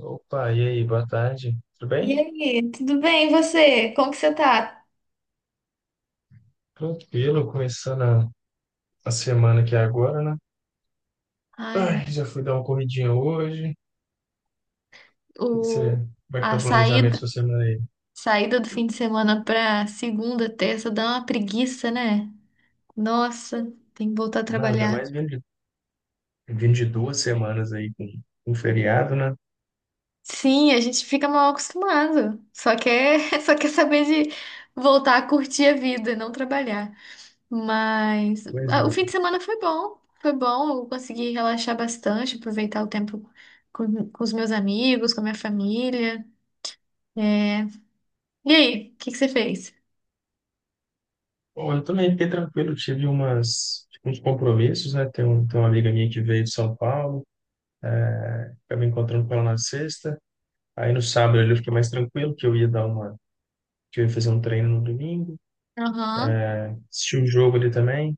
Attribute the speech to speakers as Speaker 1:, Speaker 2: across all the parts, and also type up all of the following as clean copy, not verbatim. Speaker 1: Opa, e aí, boa tarde. Tudo
Speaker 2: E
Speaker 1: bem?
Speaker 2: aí, tudo bem? E você? Como que você tá?
Speaker 1: Tranquilo, começando a semana aqui agora, né?
Speaker 2: Ai,
Speaker 1: Ai, já fui dar uma corridinha hoje. O que que você,
Speaker 2: o,
Speaker 1: como é que tá
Speaker 2: a
Speaker 1: o planejamento da
Speaker 2: saída,
Speaker 1: sua semana aí?
Speaker 2: saída do fim de semana pra segunda, terça dá uma preguiça, né? Nossa, tem que voltar a
Speaker 1: Não, ainda
Speaker 2: trabalhar.
Speaker 1: mais vindo de duas semanas aí com feriado, né?
Speaker 2: Sim, a gente fica mal acostumado. Só quer saber de voltar a curtir a vida, e não trabalhar. Mas
Speaker 1: Pois
Speaker 2: o fim
Speaker 1: é.
Speaker 2: de semana foi bom, foi bom. Eu consegui relaxar bastante, aproveitar o tempo com os meus amigos, com a minha família. É, E aí, o que que você fez?
Speaker 1: Bom, eu também fiquei tranquilo, tive umas, tipo, uns compromissos, né? Tem uma amiga minha que veio de São Paulo, acabei encontrando com ela na sexta. Aí no sábado ali eu fiquei mais tranquilo, que eu ia fazer um treino no domingo,
Speaker 2: Aham.
Speaker 1: assisti o jogo ali também.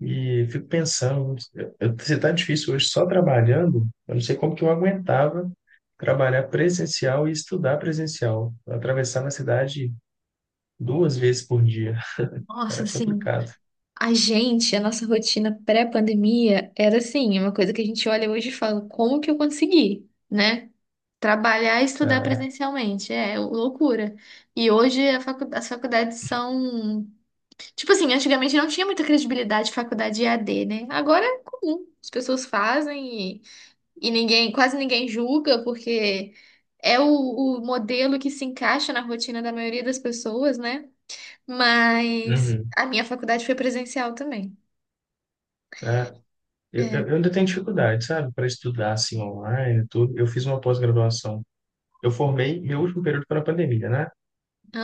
Speaker 1: E fico pensando, se tá difícil hoje só trabalhando, eu não sei como que eu aguentava trabalhar presencial e estudar presencial. Eu atravessava a cidade duas vezes por dia.
Speaker 2: Nossa,
Speaker 1: Era
Speaker 2: assim,
Speaker 1: complicado,
Speaker 2: a nossa rotina pré-pandemia era assim, uma coisa que a gente olha hoje e fala, como que eu consegui, né? Trabalhar e estudar
Speaker 1: né?
Speaker 2: presencialmente, é loucura. E hoje a as faculdades são, tipo assim, antigamente não tinha muita credibilidade de faculdade EAD, né? Agora é comum, as pessoas fazem e ninguém, quase ninguém julga, porque é o modelo que se encaixa na rotina da maioria das pessoas, né? Mas
Speaker 1: Uhum.
Speaker 2: a minha faculdade foi presencial também.
Speaker 1: É, eu,
Speaker 2: É,
Speaker 1: eu eu ainda tenho dificuldade, sabe, para estudar assim online, e tudo. Eu fiz uma pós-graduação. Eu formei meu último período para a pandemia, né?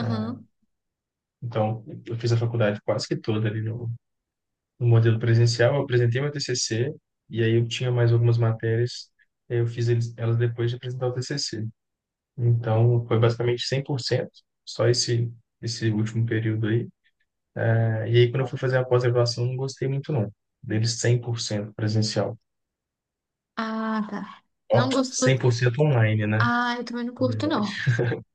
Speaker 1: É, então, eu fiz a faculdade quase que toda ali no modelo presencial, eu apresentei meu TCC e aí eu tinha mais algumas matérias, aí eu fiz eles, elas depois de apresentar o TCC. Então, foi basicamente 100% só esse último período aí. E aí, quando eu fui fazer a pós-graduação, não gostei muito, não. Deles 100% presencial.
Speaker 2: Ah, tá.
Speaker 1: Ó,
Speaker 2: Não gostou?
Speaker 1: 100% online, né?
Speaker 2: Ah, eu também não
Speaker 1: Na
Speaker 2: curto,
Speaker 1: verdade.
Speaker 2: não.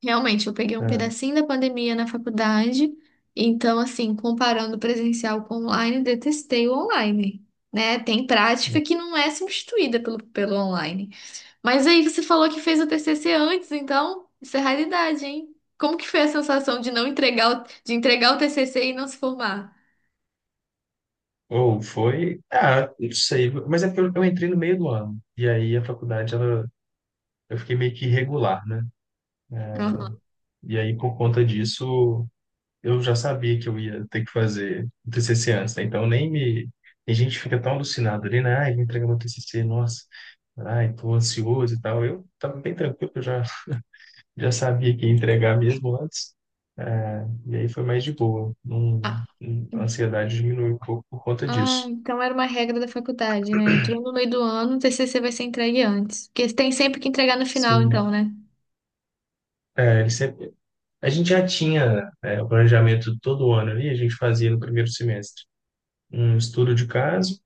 Speaker 2: Realmente, eu peguei um
Speaker 1: Ah,
Speaker 2: pedacinho da pandemia na faculdade. Então, assim, comparando o presencial com o online, detestei o online. Né? Tem prática que não é substituída pelo, pelo online. Mas aí você falou que fez o TCC antes, então isso é raridade, hein? Como que foi a sensação de não entregar, de entregar o TCC e não se formar?
Speaker 1: ou foi... Ah, não sei. Mas é porque eu entrei no meio do ano. E aí, a faculdade, ela... Eu fiquei meio que irregular, né?
Speaker 2: Aham.
Speaker 1: E aí, por conta disso, eu já sabia que eu ia ter que fazer o TCC antes, né? Então nem me. A gente fica tão alucinado ali, né? Ai, vou entregar meu TCC, nossa, ai, tô ansioso e tal. Eu tava bem tranquilo, já sabia que ia entregar mesmo antes. É, e aí foi mais de boa. Não,
Speaker 2: Ah,
Speaker 1: a ansiedade diminuiu um pouco por conta
Speaker 2: Ah,
Speaker 1: disso.
Speaker 2: então era uma regra da faculdade, né? Entrou no meio do ano, o TCC vai ser entregue antes. Porque tem sempre que entregar no final, então,
Speaker 1: Sim.
Speaker 2: né?
Speaker 1: É, ele sempre- a gente já tinha, é, o planejamento todo ano ali, a gente fazia no primeiro semestre. Um estudo de caso,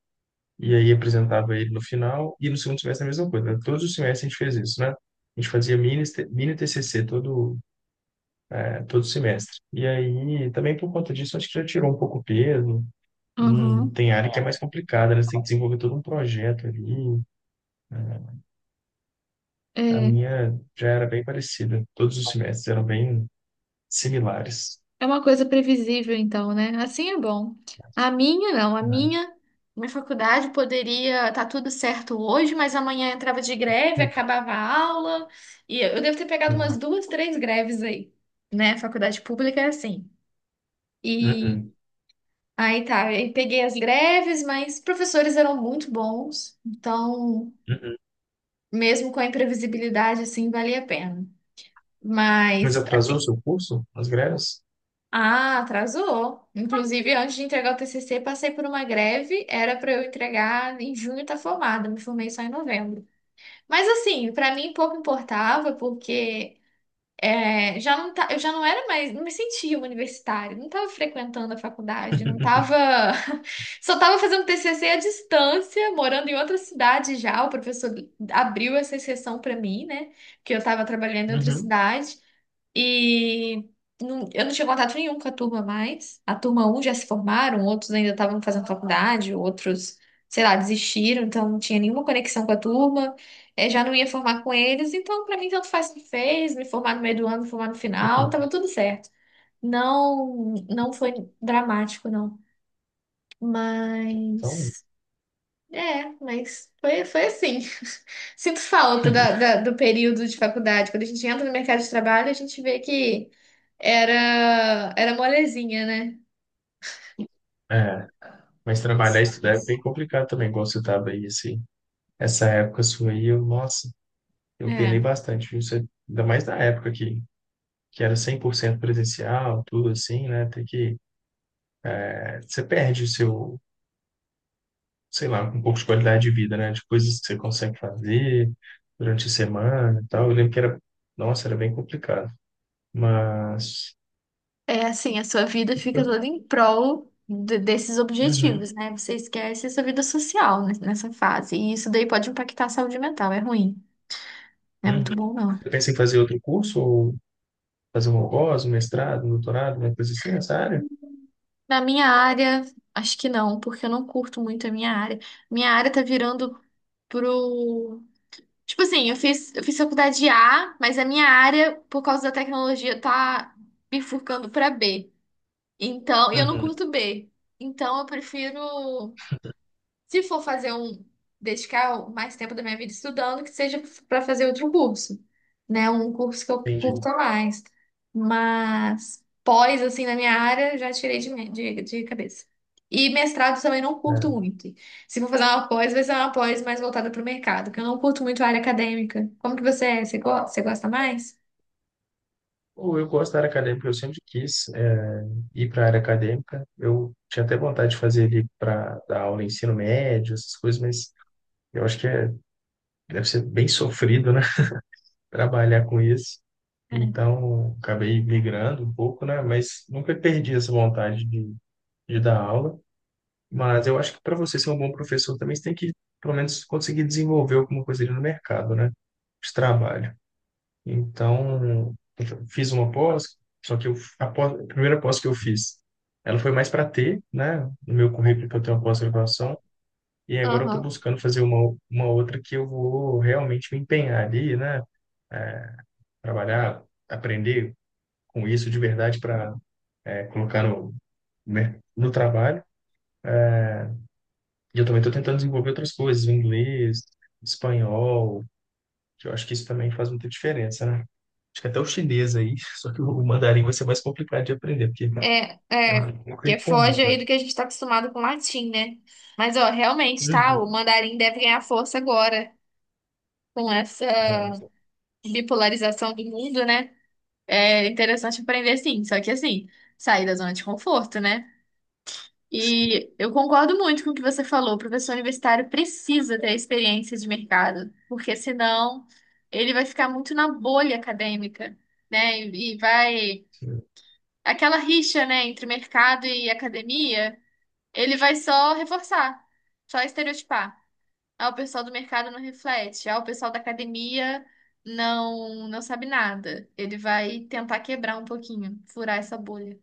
Speaker 1: e aí apresentava ele no final, e no segundo semestre a mesma coisa, né? Todos os semestres a gente fez isso, né? A gente fazia mini TCC todo, é, todo semestre. E aí, também por conta disso, acho que já tirou um pouco o peso.
Speaker 2: Uhum.
Speaker 1: Tem área que é mais complicada, né? Você tem que desenvolver todo um projeto ali, né? A
Speaker 2: É,
Speaker 1: minha já era bem parecida. Todos os semestres eram bem similares,
Speaker 2: é uma coisa previsível, então, né? Assim é bom. A minha, não.
Speaker 1: né?
Speaker 2: Minha faculdade poderia estar tudo certo hoje, mas amanhã entrava de greve, acabava a aula. E eu devo ter pegado umas
Speaker 1: Uhum.
Speaker 2: duas, três greves aí, né? Faculdade pública é assim. E
Speaker 1: Uhum.
Speaker 2: aí tá, eu peguei as greves, mas os professores eram muito bons. Então,
Speaker 1: Uhum.
Speaker 2: mesmo com a imprevisibilidade, assim, valia a pena.
Speaker 1: Mas
Speaker 2: Mas,
Speaker 1: atrasou o
Speaker 2: assim,
Speaker 1: seu curso? As greves?
Speaker 2: ah, atrasou. Inclusive, antes de entregar o TCC, passei por uma greve. Era para eu entregar em junho, tá formada. Me formei só em novembro. Mas, assim, para mim pouco importava, porque é, já não tá, eu já não era mais, não me sentia uma universitária, não estava frequentando a faculdade, não estava, só estava fazendo TCC à distância, morando em outra cidade já. O professor abriu essa exceção para mim, né? Que eu estava trabalhando em outra
Speaker 1: Uhum.
Speaker 2: cidade. E eu não tinha contato nenhum com a turma mais. A turma um já se formaram, outros ainda estavam fazendo faculdade, outros, sei lá, desistiram, então não tinha nenhuma conexão com a turma. Já não ia formar com eles, então pra mim tanto faz o que fez, me formar no meio do ano, me formar no final, tava tudo certo. Não, não foi dramático, não.
Speaker 1: Então,
Speaker 2: Mas. Mas foi, foi assim. Sinto falta da, do período de faculdade. Quando a gente entra no mercado de trabalho, a gente vê que era, era molezinha, né?
Speaker 1: é. Mas trabalhar e estudar é bem complicado também, igual você estava aí, assim essa época sua aí, eu, nossa, eu penei
Speaker 2: É,
Speaker 1: bastante, viu? Você, ainda mais na época que era 100% presencial, tudo assim, né? Você perde o seu, sei lá, um pouco de qualidade de vida, né? De coisas que você consegue fazer durante a semana e tal. Eu lembro que era, nossa, era bem complicado. Mas,
Speaker 2: é assim, a sua vida fica
Speaker 1: eu,
Speaker 2: toda em prol desses
Speaker 1: uhum,
Speaker 2: objetivos, né? Você esquece a sua vida social nessa fase. E isso daí pode impactar a saúde mental, é ruim. Não é muito
Speaker 1: uhum.
Speaker 2: bom,
Speaker 1: Eu
Speaker 2: não.
Speaker 1: pensei em fazer outro curso, ou fazer um algoz, um mestrado, um doutorado, uma coisa assim nessa área?
Speaker 2: Na minha área, acho que não, porque eu não curto muito a minha área. Minha área tá virando pro. Tipo assim, eu fiz faculdade de A, mas a minha área, por causa da tecnologia, tá bifurcando pra B. Então, e eu não
Speaker 1: Uhum.
Speaker 2: curto B. Então, eu prefiro, se for fazer um, dedicar mais tempo da minha vida estudando, que seja para fazer outro curso, né? Um curso que eu
Speaker 1: Entendi.
Speaker 2: curto mais. Mas pós, assim, na minha área, já tirei de cabeça. E mestrado também não curto muito. Se for fazer uma pós, vai ser uma pós mais voltada para o mercado, que eu não curto muito a área acadêmica. Como que você é? Você gosta mais?
Speaker 1: Ou eu gosto da área acadêmica, eu sempre quis ir para a área acadêmica. Eu tinha até vontade de fazer ali para dar aula em ensino médio, essas coisas, mas eu acho que deve ser bem sofrido, né? Trabalhar com isso.
Speaker 2: É.
Speaker 1: Então, acabei migrando um pouco, né? Mas nunca perdi essa vontade de dar aula. Mas eu acho que para você ser um bom professor também, pelo menos, conseguir desenvolver alguma coisa ali no mercado, né? De trabalho. Então, eu fiz uma pós, só que a primeira pós que eu fiz, ela foi mais para ter, né, no meu currículo que eu tenho a pós-graduação, e agora eu estou
Speaker 2: Aham.
Speaker 1: buscando fazer uma outra que eu vou realmente me empenhar ali, né, trabalhar, aprender com isso de verdade para colocar no trabalho. E eu também estou tentando desenvolver outras coisas, o inglês, espanhol, que eu acho que isso também faz muita diferença, né? Acho que até o chinês aí, só que o mandarim vai ser mais complicado de aprender, porque
Speaker 2: É,
Speaker 1: é
Speaker 2: é,
Speaker 1: muito uma
Speaker 2: que
Speaker 1: coisa
Speaker 2: foge
Speaker 1: comum,
Speaker 2: aí
Speaker 1: né?
Speaker 2: do que a gente tá acostumado com o latim, né? Mas, ó, realmente, tá? O
Speaker 1: Uhum.
Speaker 2: mandarim deve ganhar força agora com essa
Speaker 1: É,
Speaker 2: bipolarização do mundo, né? É interessante aprender, sim. Só que, assim, sair da zona de conforto, né?
Speaker 1: sim,
Speaker 2: E eu concordo muito com o que você falou. O professor universitário precisa ter experiência de mercado, porque senão ele vai ficar muito na bolha acadêmica, né? E vai...
Speaker 1: sim.
Speaker 2: Aquela rixa, né, entre mercado e academia, ele vai só reforçar, só estereotipar. Ah, o pessoal do mercado não reflete. Ah, o pessoal da academia não sabe nada. Ele vai tentar quebrar um pouquinho, furar essa bolha.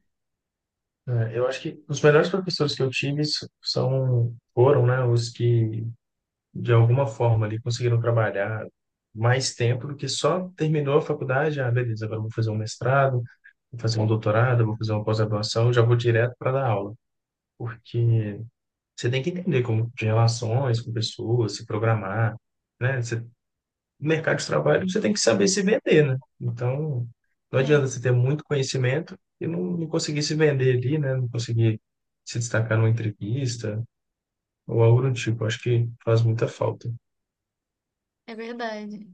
Speaker 1: É, eu acho que os melhores professores que eu tive foram, né, os que, de alguma forma, ali, conseguiram trabalhar mais tempo do que só terminou a faculdade, ah, beleza, agora eu vou fazer um mestrado, vou fazer um doutorado, vou fazer uma pós-graduação, já vou direto para dar aula, porque você tem que entender como de relações com pessoas, se programar, né? Você No mercado de trabalho você tem que saber se vender, né? Então, não adianta
Speaker 2: É,
Speaker 1: você ter muito conhecimento e não conseguir se vender ali, né? Não conseguir se destacar numa entrevista ou algo do tipo. Acho que faz muita falta.
Speaker 2: é verdade.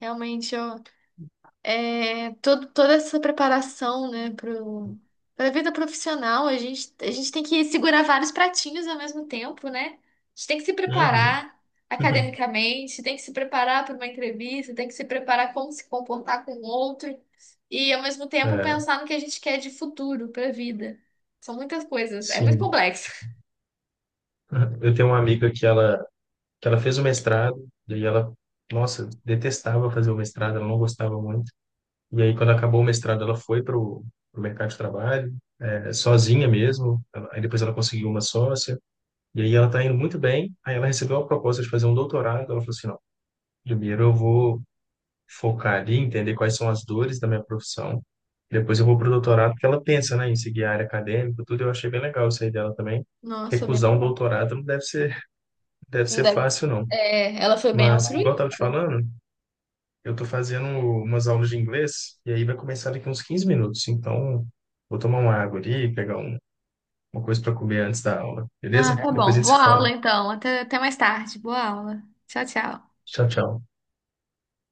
Speaker 2: Realmente, eu é, todo, toda essa preparação, né, pra vida profissional, a gente tem que segurar vários pratinhos ao mesmo tempo, né? A gente tem que se
Speaker 1: Uhum.
Speaker 2: preparar academicamente, tem que se preparar para uma entrevista, tem que se preparar como se comportar com o outro e, ao mesmo tempo,
Speaker 1: É,
Speaker 2: pensar no que a gente quer de futuro para a vida. São muitas coisas, é muito
Speaker 1: sim.
Speaker 2: complexo.
Speaker 1: Eu tenho uma amiga que ela fez o mestrado e aí ela, nossa, detestava fazer o mestrado, ela não gostava muito. E aí, quando acabou o mestrado, ela foi para o mercado de trabalho, é, sozinha mesmo. Ela- Aí depois ela conseguiu uma sócia. E aí ela está indo muito bem. Aí ela recebeu uma proposta de fazer um doutorado. Ela falou assim, não, primeiro eu vou focar ali, entender quais são as dores da minha profissão. Depois eu vou para o doutorado, porque ela pensa, né, em seguir a área acadêmica, tudo. Eu achei bem legal isso aí dela também.
Speaker 2: Nossa, bem
Speaker 1: Recusar um
Speaker 2: legal.
Speaker 1: doutorado não deve ser, deve ser
Speaker 2: Ainda-
Speaker 1: fácil, não.
Speaker 2: é, ela foi bem
Speaker 1: Mas, igual eu
Speaker 2: altruísta.
Speaker 1: estava te falando, eu estou fazendo umas aulas de inglês e aí vai começar daqui uns 15 minutos. Então, vou tomar uma água ali, pegar um- uma coisa para comer antes da aula,
Speaker 2: Ah,
Speaker 1: beleza?
Speaker 2: tá
Speaker 1: Depois a
Speaker 2: bom.
Speaker 1: gente se
Speaker 2: Boa aula,
Speaker 1: fala.
Speaker 2: então. Até, até mais tarde. Boa aula. Tchau, tchau.
Speaker 1: Tchau, tchau.